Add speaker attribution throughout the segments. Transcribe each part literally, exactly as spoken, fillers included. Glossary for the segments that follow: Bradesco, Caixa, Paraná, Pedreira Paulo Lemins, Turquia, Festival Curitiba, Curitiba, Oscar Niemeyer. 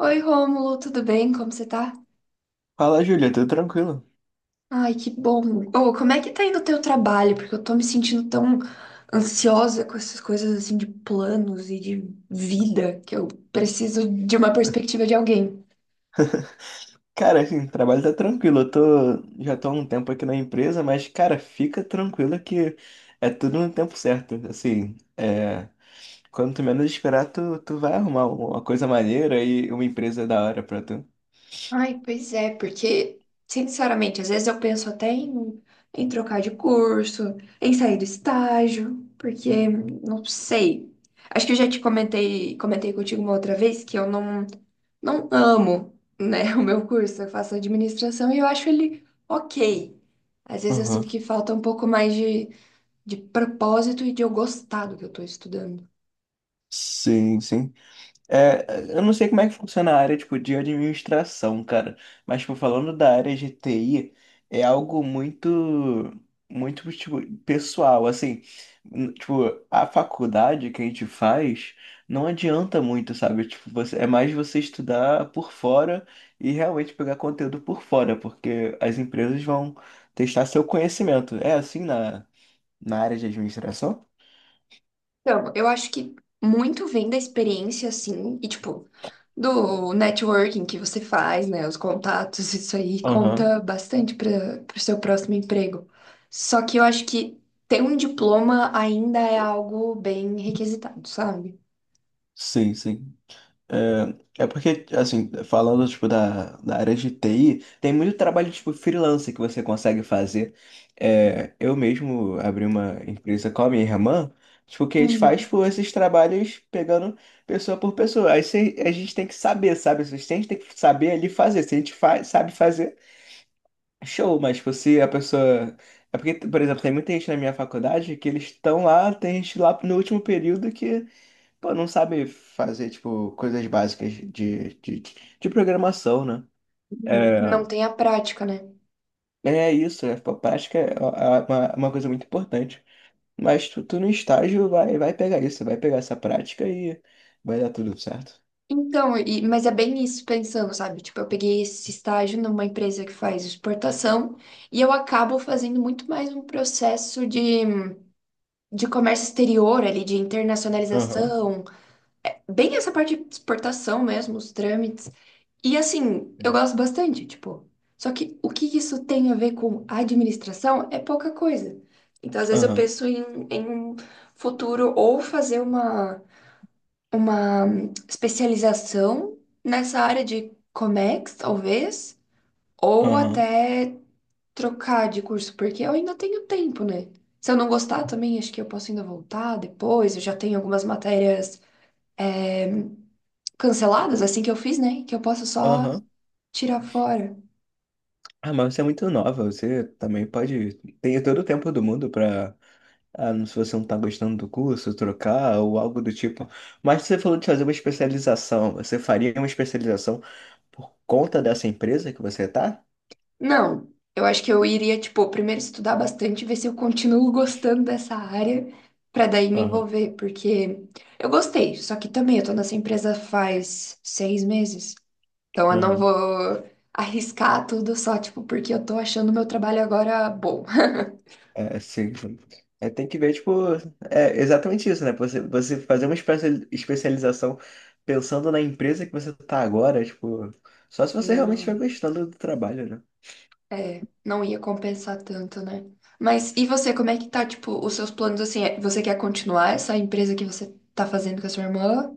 Speaker 1: Oi, Rômulo, tudo bem? Como você tá?
Speaker 2: Fala, Júlia, tudo tranquilo?
Speaker 1: Ai, que bom. Ô, como é que tá indo o teu trabalho? Porque eu tô me sentindo tão ansiosa com essas coisas assim de planos e de vida que eu preciso de uma perspectiva de alguém.
Speaker 2: Cara, assim, o trabalho tá tranquilo. Eu tô, já tô há um tempo aqui na empresa, mas, cara, fica tranquila que é tudo no tempo certo. Assim, é, quando tu menos esperar, tu, tu vai arrumar uma coisa maneira e uma empresa da hora pra tu.
Speaker 1: Ai, pois é, porque, sinceramente, às vezes eu penso até em, em trocar de curso, em sair do estágio, porque não sei. Acho que eu já te comentei, comentei contigo uma outra vez que eu não. não amo, né, o meu curso. Eu faço administração e eu acho ele ok. Às vezes eu sinto
Speaker 2: Aham.
Speaker 1: que falta um pouco mais de, de propósito e de eu gostar do que eu tô estudando.
Speaker 2: Sim, sim. É, eu não sei como é que funciona a área, tipo, de administração, cara. Mas, tipo, falando da área de T I, é algo muito, muito, tipo, pessoal, assim. n- Tipo, a faculdade que a gente faz não adianta muito, sabe? Tipo, você, é mais você estudar por fora e realmente pegar conteúdo por fora, porque as empresas vão testar seu conhecimento. É assim na, na área de administração?
Speaker 1: Então, eu acho que muito vem da experiência, assim, e tipo, do networking que você faz, né, os contatos, isso aí
Speaker 2: Aham.
Speaker 1: conta bastante para o seu próximo emprego. Só que eu acho que ter um diploma ainda é algo bem requisitado, sabe?
Speaker 2: Sim, sim. É, é porque, assim, falando, tipo, da, da área de T I, tem muito trabalho, tipo, freelancer que você consegue fazer. É, eu mesmo abri uma empresa com a minha irmã, tipo, que a gente faz,
Speaker 1: Hum.
Speaker 2: tipo, esses trabalhos pegando pessoa por pessoa. Aí cê- a gente tem que saber, sabe? A gente tem que saber ali fazer. Se a gente fa sabe fazer, show. Mas, tipo, se a pessoa... É porque, por exemplo, tem muita gente na minha faculdade que eles estão lá, tem gente lá no último período. Pô, não sabe fazer, tipo, coisas básicas de, de, de programação, né? É,
Speaker 1: Não tem a prática, né?
Speaker 2: é isso. É, pô, prática é uma, uma coisa muito importante. Mas tu, tu no estágio vai, vai pegar isso, vai pegar essa prática e vai dar tudo certo.
Speaker 1: Então, e- mas é bem isso pensando, sabe? Tipo, eu peguei esse estágio numa empresa que faz exportação e eu acabo fazendo muito mais um processo de, de comércio exterior ali, de
Speaker 2: Aham.
Speaker 1: internacionalização, bem essa parte de exportação mesmo, os trâmites. E assim, eu
Speaker 2: Sim.
Speaker 1: gosto bastante, tipo. Só que o que isso tem a ver com administração é pouca coisa. Então, às vezes eu
Speaker 2: Aham,
Speaker 1: penso em, em um futuro ou fazer uma uma especialização nessa área de Comex, talvez, ou
Speaker 2: aham,
Speaker 1: até trocar de curso, porque eu ainda tenho tempo, né? Se eu não gostar também, acho que eu posso ainda voltar depois. Eu já tenho algumas matérias canceladas, assim que eu fiz, né? Que eu posso só
Speaker 2: aham.
Speaker 1: tirar fora.
Speaker 2: Ah, mas você é muito nova, você também pode. Tem todo o tempo do mundo pra. Ah, não- se você não tá gostando do curso, trocar ou algo do tipo. Mas você falou de fazer uma especialização. Você faria uma especialização por conta dessa empresa que você tá?
Speaker 1: Não, eu acho que eu iria, tipo, primeiro estudar bastante, ver se eu continuo gostando dessa área, pra daí me
Speaker 2: Aham,
Speaker 1: envolver, porque eu gostei, só que também eu tô nessa empresa faz seis meses. Então eu não
Speaker 2: aham.
Speaker 1: vou arriscar tudo só, tipo, porque eu tô achando meu trabalho agora bom.
Speaker 2: É, sim, é, tem que ver, tipo, é exatamente isso, né? Você, você fazer uma espe- especialização pensando na empresa que você tá agora, tipo, só se você realmente estiver
Speaker 1: Não.
Speaker 2: gostando do trabalho, né?
Speaker 1: É, não ia compensar tanto, né? Mas e você, como é que tá, tipo, os seus planos assim? É, você quer continuar essa empresa que você tá fazendo com a sua irmã?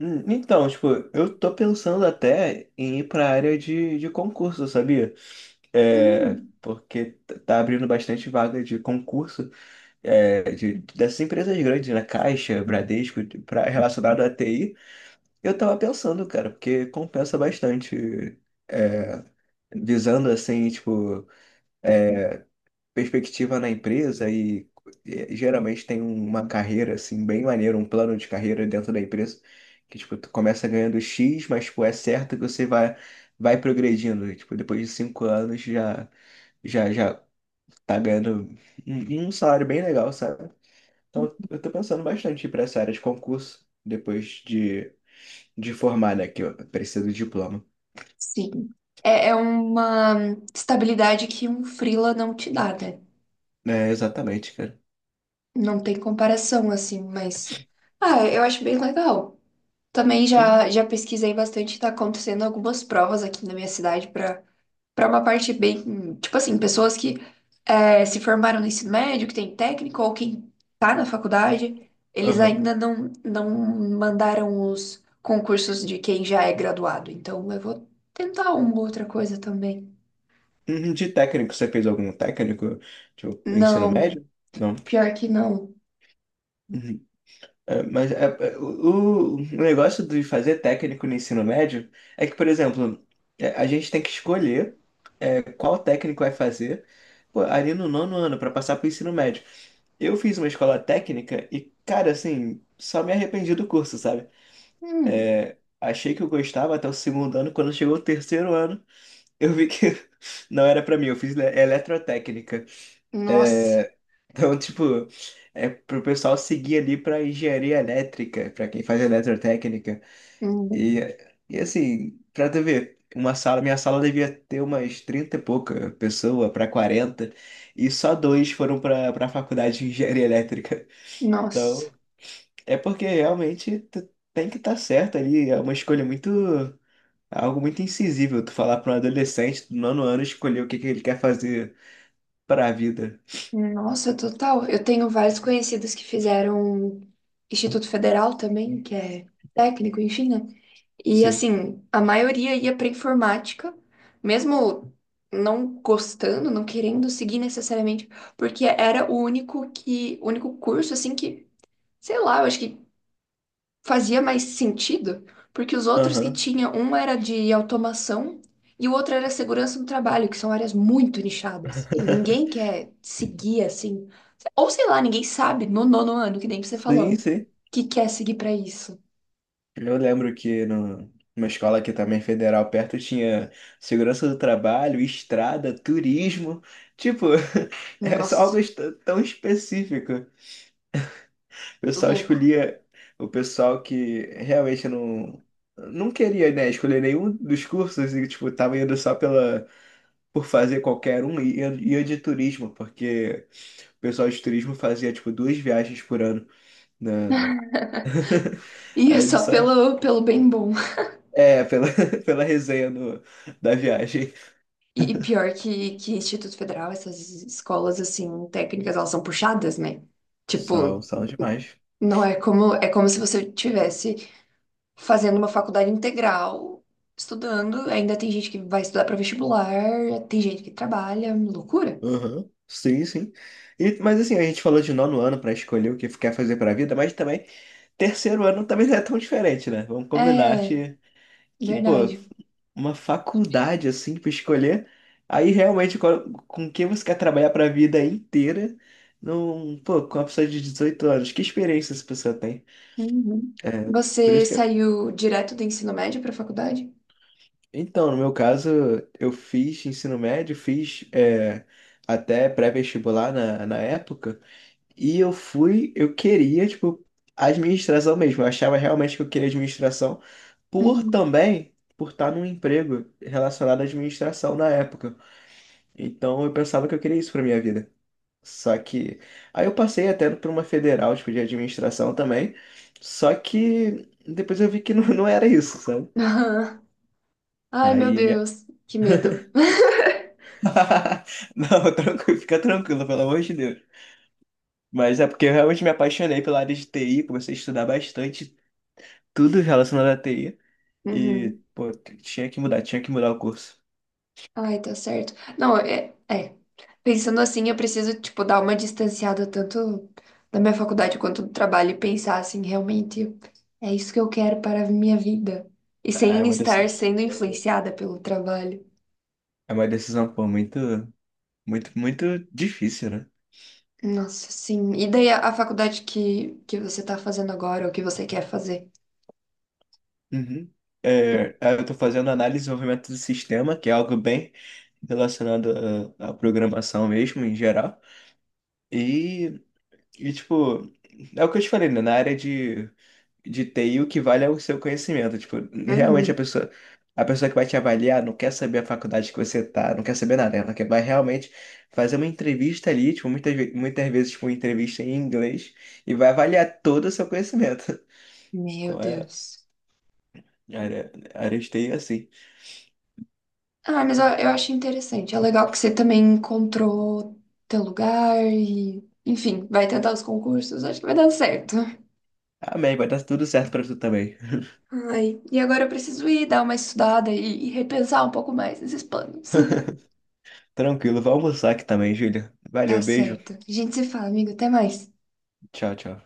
Speaker 2: Hum, Então, tipo, eu tô pensando até em ir pra área de, de concurso, sabia? É,
Speaker 1: Hum,
Speaker 2: porque t- tá abrindo bastante vaga de concurso, é, de, dessas empresas grandes, né? Caixa, Bradesco, pra, relacionado à T I. Eu tava pensando, cara, porque compensa bastante, é, visando assim, tipo, perspectiva na empresa e, e geralmente tem uma carreira assim bem maneira, um plano de carreira dentro da empresa que, tipo, tu começa ganhando xis, mas, tipo, é certo que você vai vai progredindo. E, tipo, depois de cinco anos já já já tá ganhando um, um salário bem legal, sabe? Então eu tô pensando bastante para essa área de concurso depois de de formar, né, que eu preciso de diploma.
Speaker 1: sim. É, é uma estabilidade que um freela não te dá, né?
Speaker 2: É, exatamente, cara.
Speaker 1: Não tem comparação, assim, mas. Ah, eu acho bem legal. Também
Speaker 2: Aham.
Speaker 1: já, já pesquisei bastante, tá acontecendo algumas provas aqui na minha cidade para uma parte bem, tipo assim, pessoas que é, se formaram no ensino médio, que tem técnico, ou quem tá na faculdade, eles
Speaker 2: Aham.
Speaker 1: ainda não, não mandaram os concursos de quem já é graduado. Então eu vou tentar uma outra coisa também.
Speaker 2: Uhum. De técnico, você fez algum técnico? Tipo, ensino
Speaker 1: Não,
Speaker 2: médio? Não.
Speaker 1: pior que não.
Speaker 2: Uhum. É, mas é, é, o, o negócio de fazer técnico no ensino médio é que, por exemplo, é, a gente tem que escolher é, qual técnico vai fazer, pô, ali no nono ano para passar para o ensino médio. Eu fiz uma escola técnica e, cara, assim, só me arrependi do curso, sabe?
Speaker 1: Hum,
Speaker 2: É, achei que eu gostava até o segundo ano. Quando chegou o terceiro ano, eu vi que não era pra mim. Eu fiz le- é eletrotécnica.
Speaker 1: nossa.
Speaker 2: É, então, tipo, é pro pessoal seguir ali pra engenharia elétrica, pra quem faz eletrotécnica.
Speaker 1: Hum,
Speaker 2: E, e assim, pra tu ver, uma sala, minha sala devia ter umas trinta e pouca pessoa pra quarenta, e só dois foram pra, pra faculdade de engenharia elétrica.
Speaker 1: nossa,
Speaker 2: Então, é porque realmente tu tem que estar certo ali, é uma escolha muito. É algo muito insensível tu falar para um adolescente do nono ano escolher o que que ele quer fazer para a vida.
Speaker 1: nossa, total. Eu tenho vários conhecidos que fizeram Instituto Federal também, que é técnico, enfim, né? E
Speaker 2: Sim.
Speaker 1: assim, a maioria ia para informática, mesmo não gostando, não querendo seguir necessariamente, porque era o único que, o único curso assim que, sei lá, eu acho que fazia mais sentido, porque os outros que
Speaker 2: Aham.
Speaker 1: tinha, um era de automação e o outro era segurança no trabalho, que são áreas muito nichadas. E ninguém quer seguir assim, ou sei lá, ninguém sabe no nono ano, que nem você falou,
Speaker 2: Sim, sim.
Speaker 1: que quer seguir para isso.
Speaker 2: Eu lembro que no, numa escola aqui também federal perto tinha segurança do trabalho, estrada, turismo. Tipo, é só
Speaker 1: Nossa,
Speaker 2: algo est- tão específico. O pessoal
Speaker 1: louco.
Speaker 2: escolhia o pessoal que realmente não, não queria, né, escolher nenhum dos cursos e, tipo, tava indo só pela, por fazer qualquer um. E eu ia de turismo, porque o pessoal de turismo fazia tipo duas viagens por ano na
Speaker 1: E é
Speaker 2: Aí ele
Speaker 1: só
Speaker 2: só
Speaker 1: pelo, pelo bem bom.
Speaker 2: é pela, pela resenha no- da viagem.
Speaker 1: E, e pior que, que Instituto Federal, essas escolas, assim, técnicas, elas são puxadas, né?
Speaker 2: São,
Speaker 1: Tipo,
Speaker 2: são demais.
Speaker 1: não é como, é como se você tivesse fazendo uma faculdade integral, estudando, ainda tem gente que vai estudar para vestibular, tem gente que trabalha, loucura.
Speaker 2: Uhum. Sim, sim. E, mas assim, a gente falou de nono ano para escolher o que quer fazer para a vida, mas também terceiro ano também não é tão diferente, né? Vamos combinar
Speaker 1: É,
Speaker 2: que, que, pô,
Speaker 1: verdade.
Speaker 2: uma faculdade assim pra escolher. Aí realmente co- com quem você quer trabalhar pra vida inteira. Não, pô, com uma pessoa de dezoito anos, que experiência essa pessoa tem?
Speaker 1: Uhum.
Speaker 2: É, por
Speaker 1: Você
Speaker 2: isso que é-
Speaker 1: saiu direto do ensino médio para faculdade?
Speaker 2: Então, no meu caso, eu fiz ensino médio, fiz é, até pré-vestibular na, na época, e eu fui, eu queria, tipo, administração mesmo. Eu achava realmente que eu queria administração, por
Speaker 1: Uhum.
Speaker 2: também por estar num emprego relacionado à administração na época. Então eu pensava que eu queria isso pra minha vida. Só que. Aí eu passei até por uma federal, tipo, de administração também. Só que depois eu vi que não, não era isso, sabe?
Speaker 1: Ai, meu
Speaker 2: Aí minha.
Speaker 1: Deus, que medo.
Speaker 2: Não, tranquilo, fica tranquilo, pelo amor de Deus. Mas é porque eu realmente me apaixonei pela área de T I, comecei a estudar bastante tudo relacionado à T I. E,
Speaker 1: Uhum.
Speaker 2: pô, t- tinha que mudar, tinha que mudar o curso.
Speaker 1: Ai, tá certo. Não, é, é. Pensando assim, eu preciso, tipo, dar uma distanciada tanto da minha faculdade quanto do trabalho e pensar assim, realmente, é isso que eu quero para a minha vida. E
Speaker 2: É
Speaker 1: sem
Speaker 2: uma
Speaker 1: estar
Speaker 2: decisão,
Speaker 1: sendo influenciada pelo trabalho.
Speaker 2: é uma decisão, pô, muito, muito, muito difícil, né?
Speaker 1: Nossa, sim. E daí a, a faculdade que, que você tá fazendo agora, ou que você quer fazer?
Speaker 2: Uhum. É, eu estou fazendo análise de desenvolvimento do sistema, que é algo bem relacionado à, à programação mesmo, em geral. E, e, tipo, é o que eu te falei, né? Na área de, de T I, o que vale é o seu conhecimento. Tipo, realmente a
Speaker 1: Uhum.
Speaker 2: pessoa, a pessoa que vai te avaliar não quer saber a faculdade que você tá, não quer saber nada. Ela quer, vai realmente fazer uma entrevista ali, tipo, muitas, ve- muitas vezes, tipo, uma entrevista em inglês, e vai avaliar todo o seu conhecimento.
Speaker 1: Meu
Speaker 2: Então, é,
Speaker 1: Deus.
Speaker 2: a área, a área de T I é assim.
Speaker 1: Ah, mas eu, eu acho interessante. É legal que você também encontrou teu lugar e, enfim, vai tentar os concursos. Acho que vai dar certo.
Speaker 2: Amém, vai dar tudo certo pra tu também.
Speaker 1: Ai, e agora eu preciso ir dar uma estudada e, e repensar um pouco mais nesses planos.
Speaker 2: Tranquilo, vou almoçar aqui também, Júlia.
Speaker 1: Tá
Speaker 2: Valeu, beijo.
Speaker 1: certo. A gente se fala, amigo. Até mais.
Speaker 2: Tchau, tchau.